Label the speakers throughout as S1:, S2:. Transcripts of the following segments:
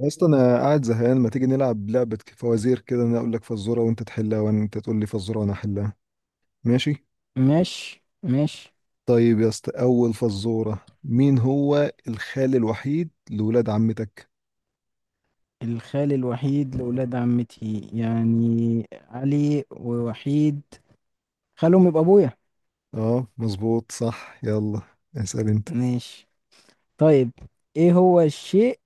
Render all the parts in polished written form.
S1: اصلا انا قاعد زهقان، ما تيجي نلعب لعبة فوازير كده. انا اقول لك فزورة وانت تحلها وانت تقول لي فزورة وانا احلها. ماشي.
S2: مش.
S1: طيب يا اسطى، اول فزورة: مين هو الخال الوحيد لولاد عمتك؟
S2: الخال الوحيد لأولاد عمتي، يعني علي ووحيد، خالهم يبقى أبويا.
S1: اه مظبوط صح. يلا اسأل انت.
S2: ماشي. طيب، إيه هو الشيء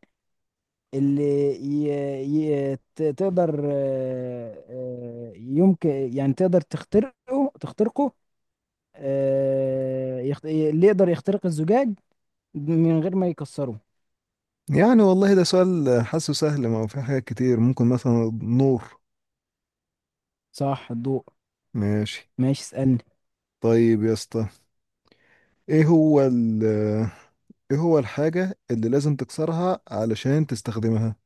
S2: اللي ي... تقدر، يمكن يعني تقدر تخترقه تخترقه، اللي يقدر يخترق الزجاج من غير ما يكسره؟
S1: يعني والله ده سؤال حاسه سهل، ما هو في حاجات كتير ممكن، مثلا نور.
S2: صح، الضوء.
S1: ماشي.
S2: ماشي، اسألني.
S1: طيب يا اسطى، ايه هو ال... ايه هو الحاجة اللي لازم تكسرها علشان تستخدمها؟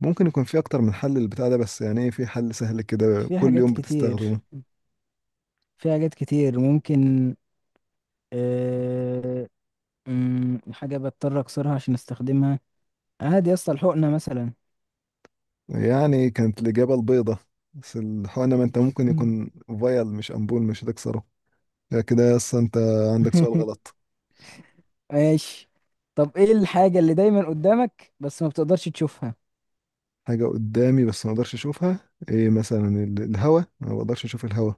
S1: ممكن يكون في اكتر من حل للبتاع ده، بس يعني ايه في حل سهل كده
S2: في
S1: كل
S2: حاجات
S1: يوم
S2: كتير
S1: بتستخدمه.
S2: في حاجات كتير ممكن. آه، حاجة بضطر اكسرها عشان استخدمها. عادي يا اسطى، الحقنة مثلا.
S1: يعني كانت الاجابه البيضه، بس الحقنه ما انت ممكن
S2: مم.
S1: يكون فايل مش امبول، مش هتكسره. لا كده اصلا انت عندك سؤال غلط.
S2: ماشي. طب، ايه الحاجة اللي دايما قدامك بس ما بتقدرش تشوفها؟
S1: حاجه قدامي بس ما اقدرش اشوفها؟ ايه مثلا، الهوا، أنا ما اقدرش اشوف الهوا،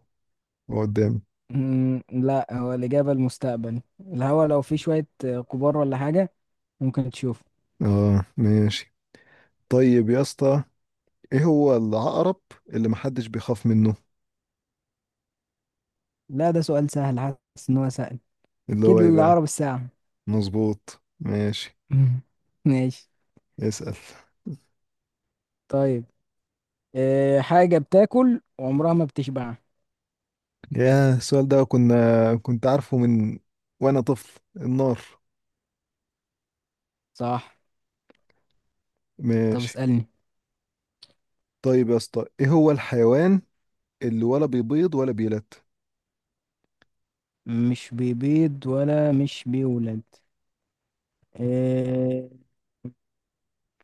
S1: هو قدامي.
S2: لا، هو الإجابة المستقبل الهوا لو فيه شوية غبار ولا حاجة، ممكن تشوف.
S1: اه ماشي. طيب يا اسطى، ايه هو العقرب اللي محدش بيخاف منه؟
S2: لا، ده سؤال سهل، حاسس ان هو سهل
S1: اللي
S2: كده،
S1: هو ايه
S2: اللي
S1: بقى؟
S2: اقرب الساعة.
S1: مظبوط ماشي.
S2: مم. ماشي.
S1: اسأل.
S2: طيب، إيه حاجة بتاكل وعمرها ما بتشبع؟
S1: يا السؤال ده كنت عارفه من وانا طفل: النار.
S2: صح. طب
S1: ماشي.
S2: اسألني.
S1: طيب يا اسطى، ايه هو الحيوان اللي ولا بيبيض ولا بيلد؟
S2: مش بيبيض ولا مش بيولد. إيه،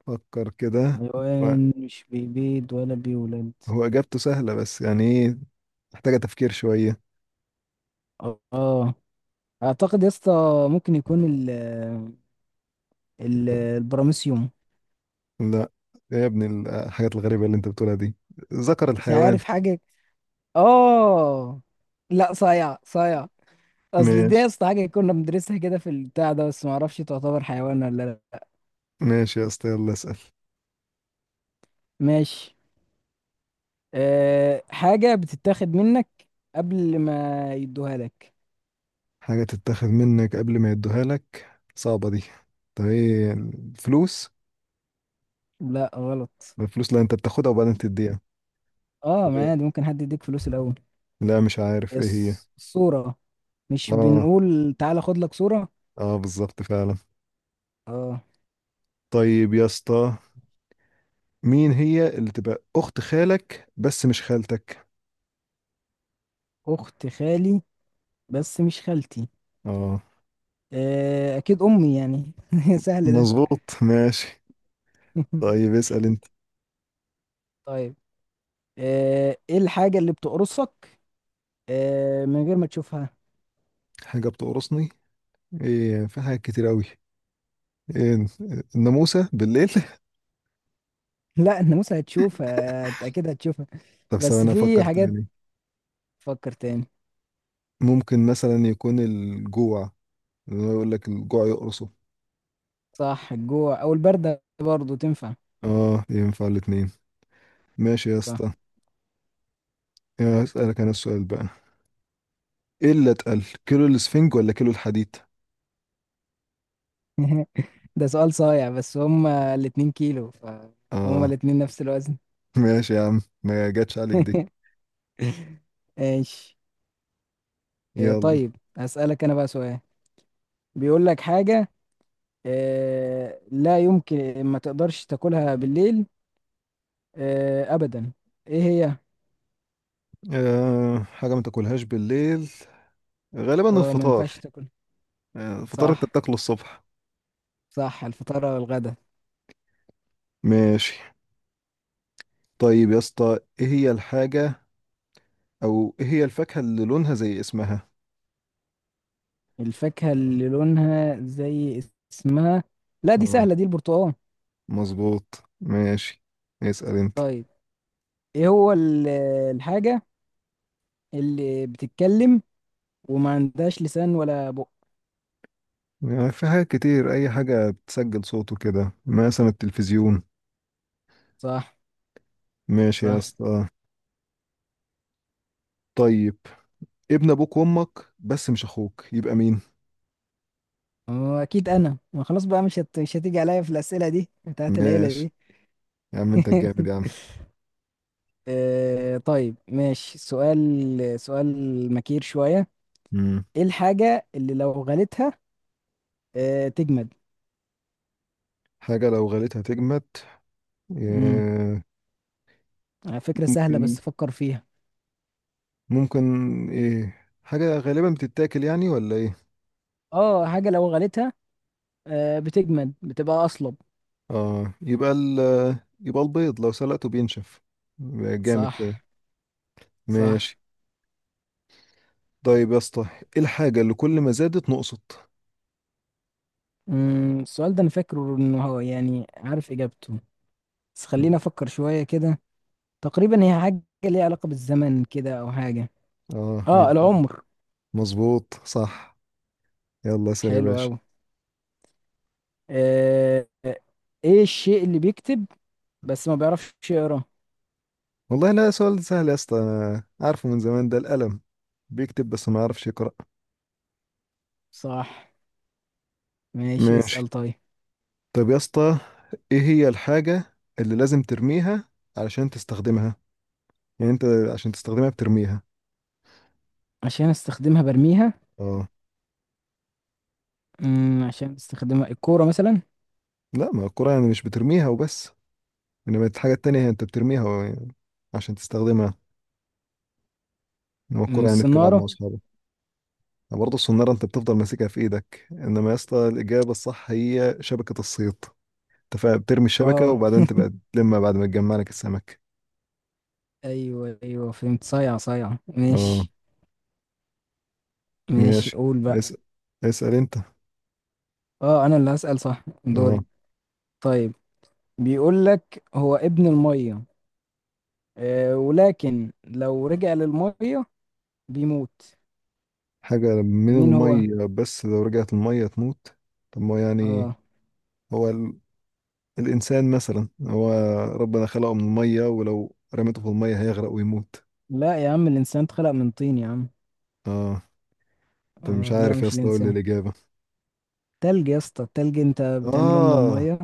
S1: فكر كده. هو
S2: حيوان مش بيبيض ولا بيولد.
S1: هو اجابته سهلة بس يعني ايه، محتاجة تفكير شوية.
S2: اه، اعتقد يا اسطى ممكن يكون ال
S1: يكون-
S2: البراميسيوم.
S1: لا يا ابني، الحاجات الغريبة اللي انت بتقولها دي، ذكر
S2: مش
S1: الحيوان.
S2: عارف حاجه. اه، لا، صايع صايع. اصل دي يا
S1: ماشي.
S2: اسطى حاجه كنا بندرسها كده في البتاع ده، بس ما اعرفش تعتبر حيوان ولا لا.
S1: ماشي يا اسطى، يلا اسأل.
S2: ماشي. أه، حاجه بتتاخد منك قبل ما يدوها لك.
S1: حاجة تتاخد منك قبل ما يدوها لك، صعبة دي. طب ايه، الفلوس؟
S2: لا، غلط.
S1: الفلوس لا، انت بتاخدها وبعدين تديها.
S2: اه، ما عادي ممكن حد يديك فلوس الاول.
S1: لا مش عارف ايه هي.
S2: الصورة. مش
S1: اه،
S2: بنقول تعالى خد لك صورة؟
S1: اه بالظبط فعلا.
S2: اه،
S1: طيب يا اسطى، مين هي اللي تبقى اخت خالك بس مش خالتك؟
S2: اخت خالي بس مش خالتي.
S1: اه
S2: اكيد امي يعني، سهل ده.
S1: مظبوط ماشي. طيب اسأل انت.
S2: طيب، ايه الحاجة اللي بتقرصك من غير ما تشوفها؟
S1: حاجة بتقرصني؟ ايه في حاجات كتير قوي، ايه، الناموسة بالليل
S2: لا، الناموسة هتشوفها، اكيد هتشوفها.
S1: طب
S2: بس
S1: ثواني افكر
S2: في حاجات،
S1: تاني.
S2: تفكر تاني.
S1: ممكن مثلا يكون الجوع، اللي هو يقول لك الجوع يقرصه.
S2: صح، الجوع او البردة برضو تنفع.
S1: اه، ينفع الاتنين. ماشي يا
S2: صح.
S1: اسطى. يا اسألك انا السؤال بقى: ايه اللي اتقل، كيلو الاسفنج ولا كيلو الحديد؟
S2: ده سؤال صايع بس هما الاتنين كيلو فهما
S1: اه
S2: الاتنين نفس الوزن.
S1: ماشي يا عم، ما جاتش عليك دي.
S2: ايش.
S1: يلا.
S2: طيب، هسألك أنا بقى سؤال، بيقول لك حاجة، لا يمكن ما تقدرش تاكلها بالليل أبدا. إيه هي؟
S1: أه حاجة ما تاكلهاش بالليل، غالبا
S2: اه، ما
S1: الفطار،
S2: ينفعش تاكلها.
S1: آه، الفطار
S2: صح.
S1: انت بتاكله الصبح.
S2: صح الفطار والغدا.
S1: ماشي. طيب يا اسطى، ايه هي الحاجة، او ايه هي الفاكهة اللي لونها زي اسمها؟
S2: الفاكهة اللي لونها زي اسمها، لا دي
S1: اه
S2: سهلة، دي البرتقال.
S1: مظبوط ماشي. اسأل انت.
S2: طيب، إيه هو الحاجة اللي بتتكلم وما عندهاش لسان ولا بق؟
S1: يعني في حاجات كتير، اي حاجة بتسجل صوته كده، مثلا التلفزيون.
S2: صح.
S1: ماشي يا
S2: صح.
S1: اسطى. طيب، ابن ابوك وامك بس مش اخوك يبقى مين؟
S2: هو أكيد أنا، ما خلاص بقى، مش هتيجي عليا في الأسئلة دي بتاعت العيلة
S1: ماشي،
S2: دي.
S1: يا عم انت الجامد يا عم.
S2: طيب، ماشي، سؤال سؤال مكير شوية.
S1: مم.
S2: ايه الحاجة اللي لو غليتها تجمد؟
S1: حاجة لو غليتها تجمد،
S2: امم
S1: ياه.
S2: على فكرة سهلة
S1: ممكن،
S2: بس فكر فيها.
S1: ممكن ايه، حاجة غالبا بتتاكل يعني ولا ايه؟
S2: اه، حاجة لو غليتها بتجمد بتبقى أصلب.
S1: اه، يبقى ال... يبقى البيض لو سلقته بينشف، يبقى جامد
S2: صح.
S1: كده.
S2: صح.
S1: ماشي. طيب يا اسطى، ايه الحاجة اللي كل ما زادت نقصت؟
S2: السؤال ده انا فاكره انه هو يعني عارف اجابته، بس خلينا افكر شوية كده. تقريبا هي حاجة ليها علاقة بالزمن كده او حاجة.
S1: اه هي
S2: اه،
S1: كده.
S2: العمر.
S1: مظبوط صح. يلا اسأل يا
S2: حلو
S1: باشا.
S2: اوي. آه آه، ايه الشيء اللي بيكتب بس ما بيعرفش يقرا؟
S1: والله لا سؤال سهل يا اسطى، أنا عارفه من زمان، ده القلم، بيكتب بس ما يعرفش يقرأ.
S2: صح. ماشي،
S1: ماشي.
S2: اسأل طيب.
S1: طب يا اسطى، ايه هي الحاجة اللي لازم ترميها علشان تستخدمها؟ يعني انت عشان تستخدمها بترميها.
S2: عشان استخدمها برميها.
S1: اه
S2: عشان استخدمها، الكورة مثلا.
S1: لا، ما الكرة يعني مش بترميها وبس، انما الحاجة التانية هي انت بترميها و- عشان تستخدمها، انما الكرة يعني بتلعب مع
S2: الصنارة.
S1: اصحابك. برضه الصنارة انت بتفضل ماسكها في ايدك، انما يا اسطى الإجابة الصح هي شبكة الصيد، انت بترمي الشبكة
S2: اه،
S1: وبعدين تبقى تلمها بعد ما تجمع لك السمك.
S2: ايوه ايوه فهمت، صيع صيع،
S1: اه
S2: ماشي. ماشي،
S1: ماشي.
S2: قول بقى.
S1: اسأل اسأل انت.
S2: اه، انا اللي هسأل، صح دوري.
S1: اه
S2: طيب، بيقول لك هو ابن المية ولكن لو رجع للمية بيموت.
S1: حاجة من
S2: مين هو؟
S1: المية بس لو رجعت المية تموت. طب ما يعني
S2: اه،
S1: هو الإنسان مثلا، هو ربنا خلقه من المية ولو رميته في المية هيغرق ويموت.
S2: لا يا عم، الانسان اتخلق من طين يا عم.
S1: اه انت مش
S2: اه لا،
S1: عارف يا
S2: مش
S1: اسطى، اقول
S2: الانسان.
S1: الإجابة؟
S2: تلج يا اسطى، التلج انت بتعمله من
S1: اه،
S2: المية.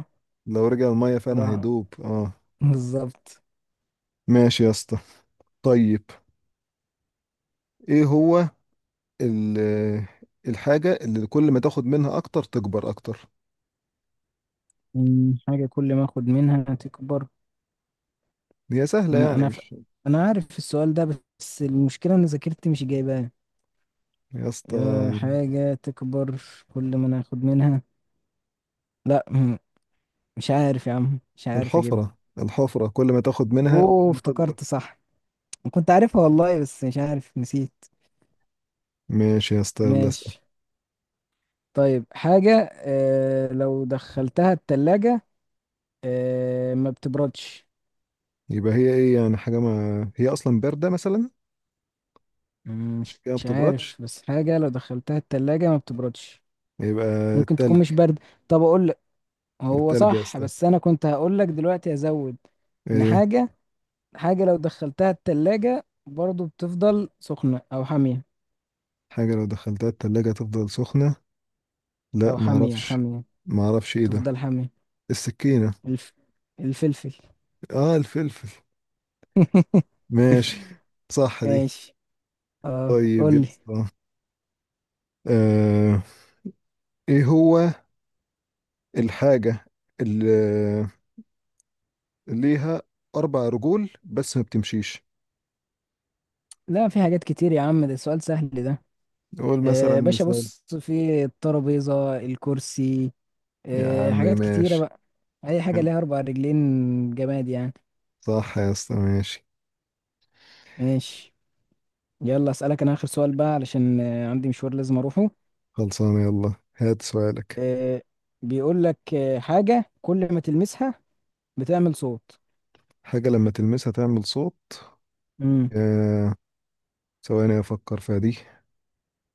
S1: لو رجع المية فعلا
S2: لا،
S1: هيدوب، اه.
S2: بالظبط.
S1: ماشي يا اسطى. طيب، ايه هو ال... الحاجة اللي كل ما تاخد منها اكتر تكبر اكتر؟
S2: حاجة كل ما اخد منها تكبر.
S1: هي سهلة
S2: ما
S1: يعني
S2: انا ف...
S1: مش،
S2: انا عارف السؤال ده بس المشكلة ان ذاكرتي مش جايباه.
S1: يا اسطى
S2: يا حاجة تكبر كل ما انا اخد منها. لا، مش عارف يا عم، مش عارف اجيبها.
S1: الحفرة، الحفرة كل ما تاخد منها
S2: اوه
S1: كل ما تكبر.
S2: افتكرت، صح، كنت عارفها والله بس مش عارف نسيت.
S1: ماشي يا اسطى، يلا اسأل.
S2: ماشي. طيب، حاجة لو دخلتها التلاجة ما بتبردش.
S1: يبقى هي ايه يعني، حاجة ما هي اصلا باردة مثلا، عشان
S2: مش
S1: كده ما
S2: مش
S1: بتبردش،
S2: عارف، بس حاجة لو دخلتها التلاجة ما بتبردش.
S1: يبقى
S2: ممكن
S1: التلج.
S2: تكون مش برد. طب اقول، هو
S1: التلج يا
S2: صح
S1: اسطى،
S2: بس انا كنت هقول لك دلوقتي ازود ان
S1: ايه؟
S2: حاجه لو دخلتها التلاجة برضو بتفضل سخنه او حاميه،
S1: حاجة لو دخلتها التلاجة تفضل سخنة؟ لا
S2: او
S1: ما
S2: حاميه
S1: اعرفش،
S2: حاميه،
S1: ما اعرفش ايه ده.
S2: تفضل حاميه.
S1: السكينة؟
S2: الف... الفلفل.
S1: اه الفلفل. ماشي. صح دي.
S2: ماشي. اه،
S1: طيب
S2: قول
S1: يا
S2: لي.
S1: اسطى، آه ايه هو الحاجة اللي اللي ليها اربع رجول بس ما بتمشيش؟
S2: لا، في حاجات كتير يا عم، ده سؤال سهل ده.
S1: قول مثلا
S2: باشا
S1: مثال.
S2: بص في الترابيزه، الكرسي،
S1: يا عم
S2: حاجات كتيره
S1: ماشي.
S2: بقى. اي حاجه ليها اربع رجلين، جماد يعني.
S1: صح يا اسطى ماشي.
S2: ماشي. يلا اسالك انا اخر سؤال بقى علشان عندي مشوار لازم اروحه.
S1: خلصانة، يلا هات سؤالك.
S2: آه، بيقول لك حاجة كل ما تلمسها بتعمل صوت.
S1: حاجة لما تلمسها تعمل صوت؟
S2: امم.
S1: آه، ثواني أفكر فيها دي،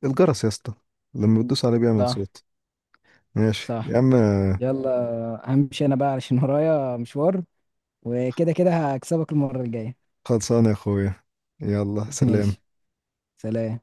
S1: الجرس يا اسطى، لما بتدوس عليه بيعمل
S2: صح.
S1: صوت. ماشي يا
S2: صح.
S1: عم.
S2: يلا همشي انا بقى علشان ورايا مشوار، وكده كده هكسبك المرة الجاية.
S1: خلصانة يا أخويا، يلا سلام.
S2: ماشي. سلام.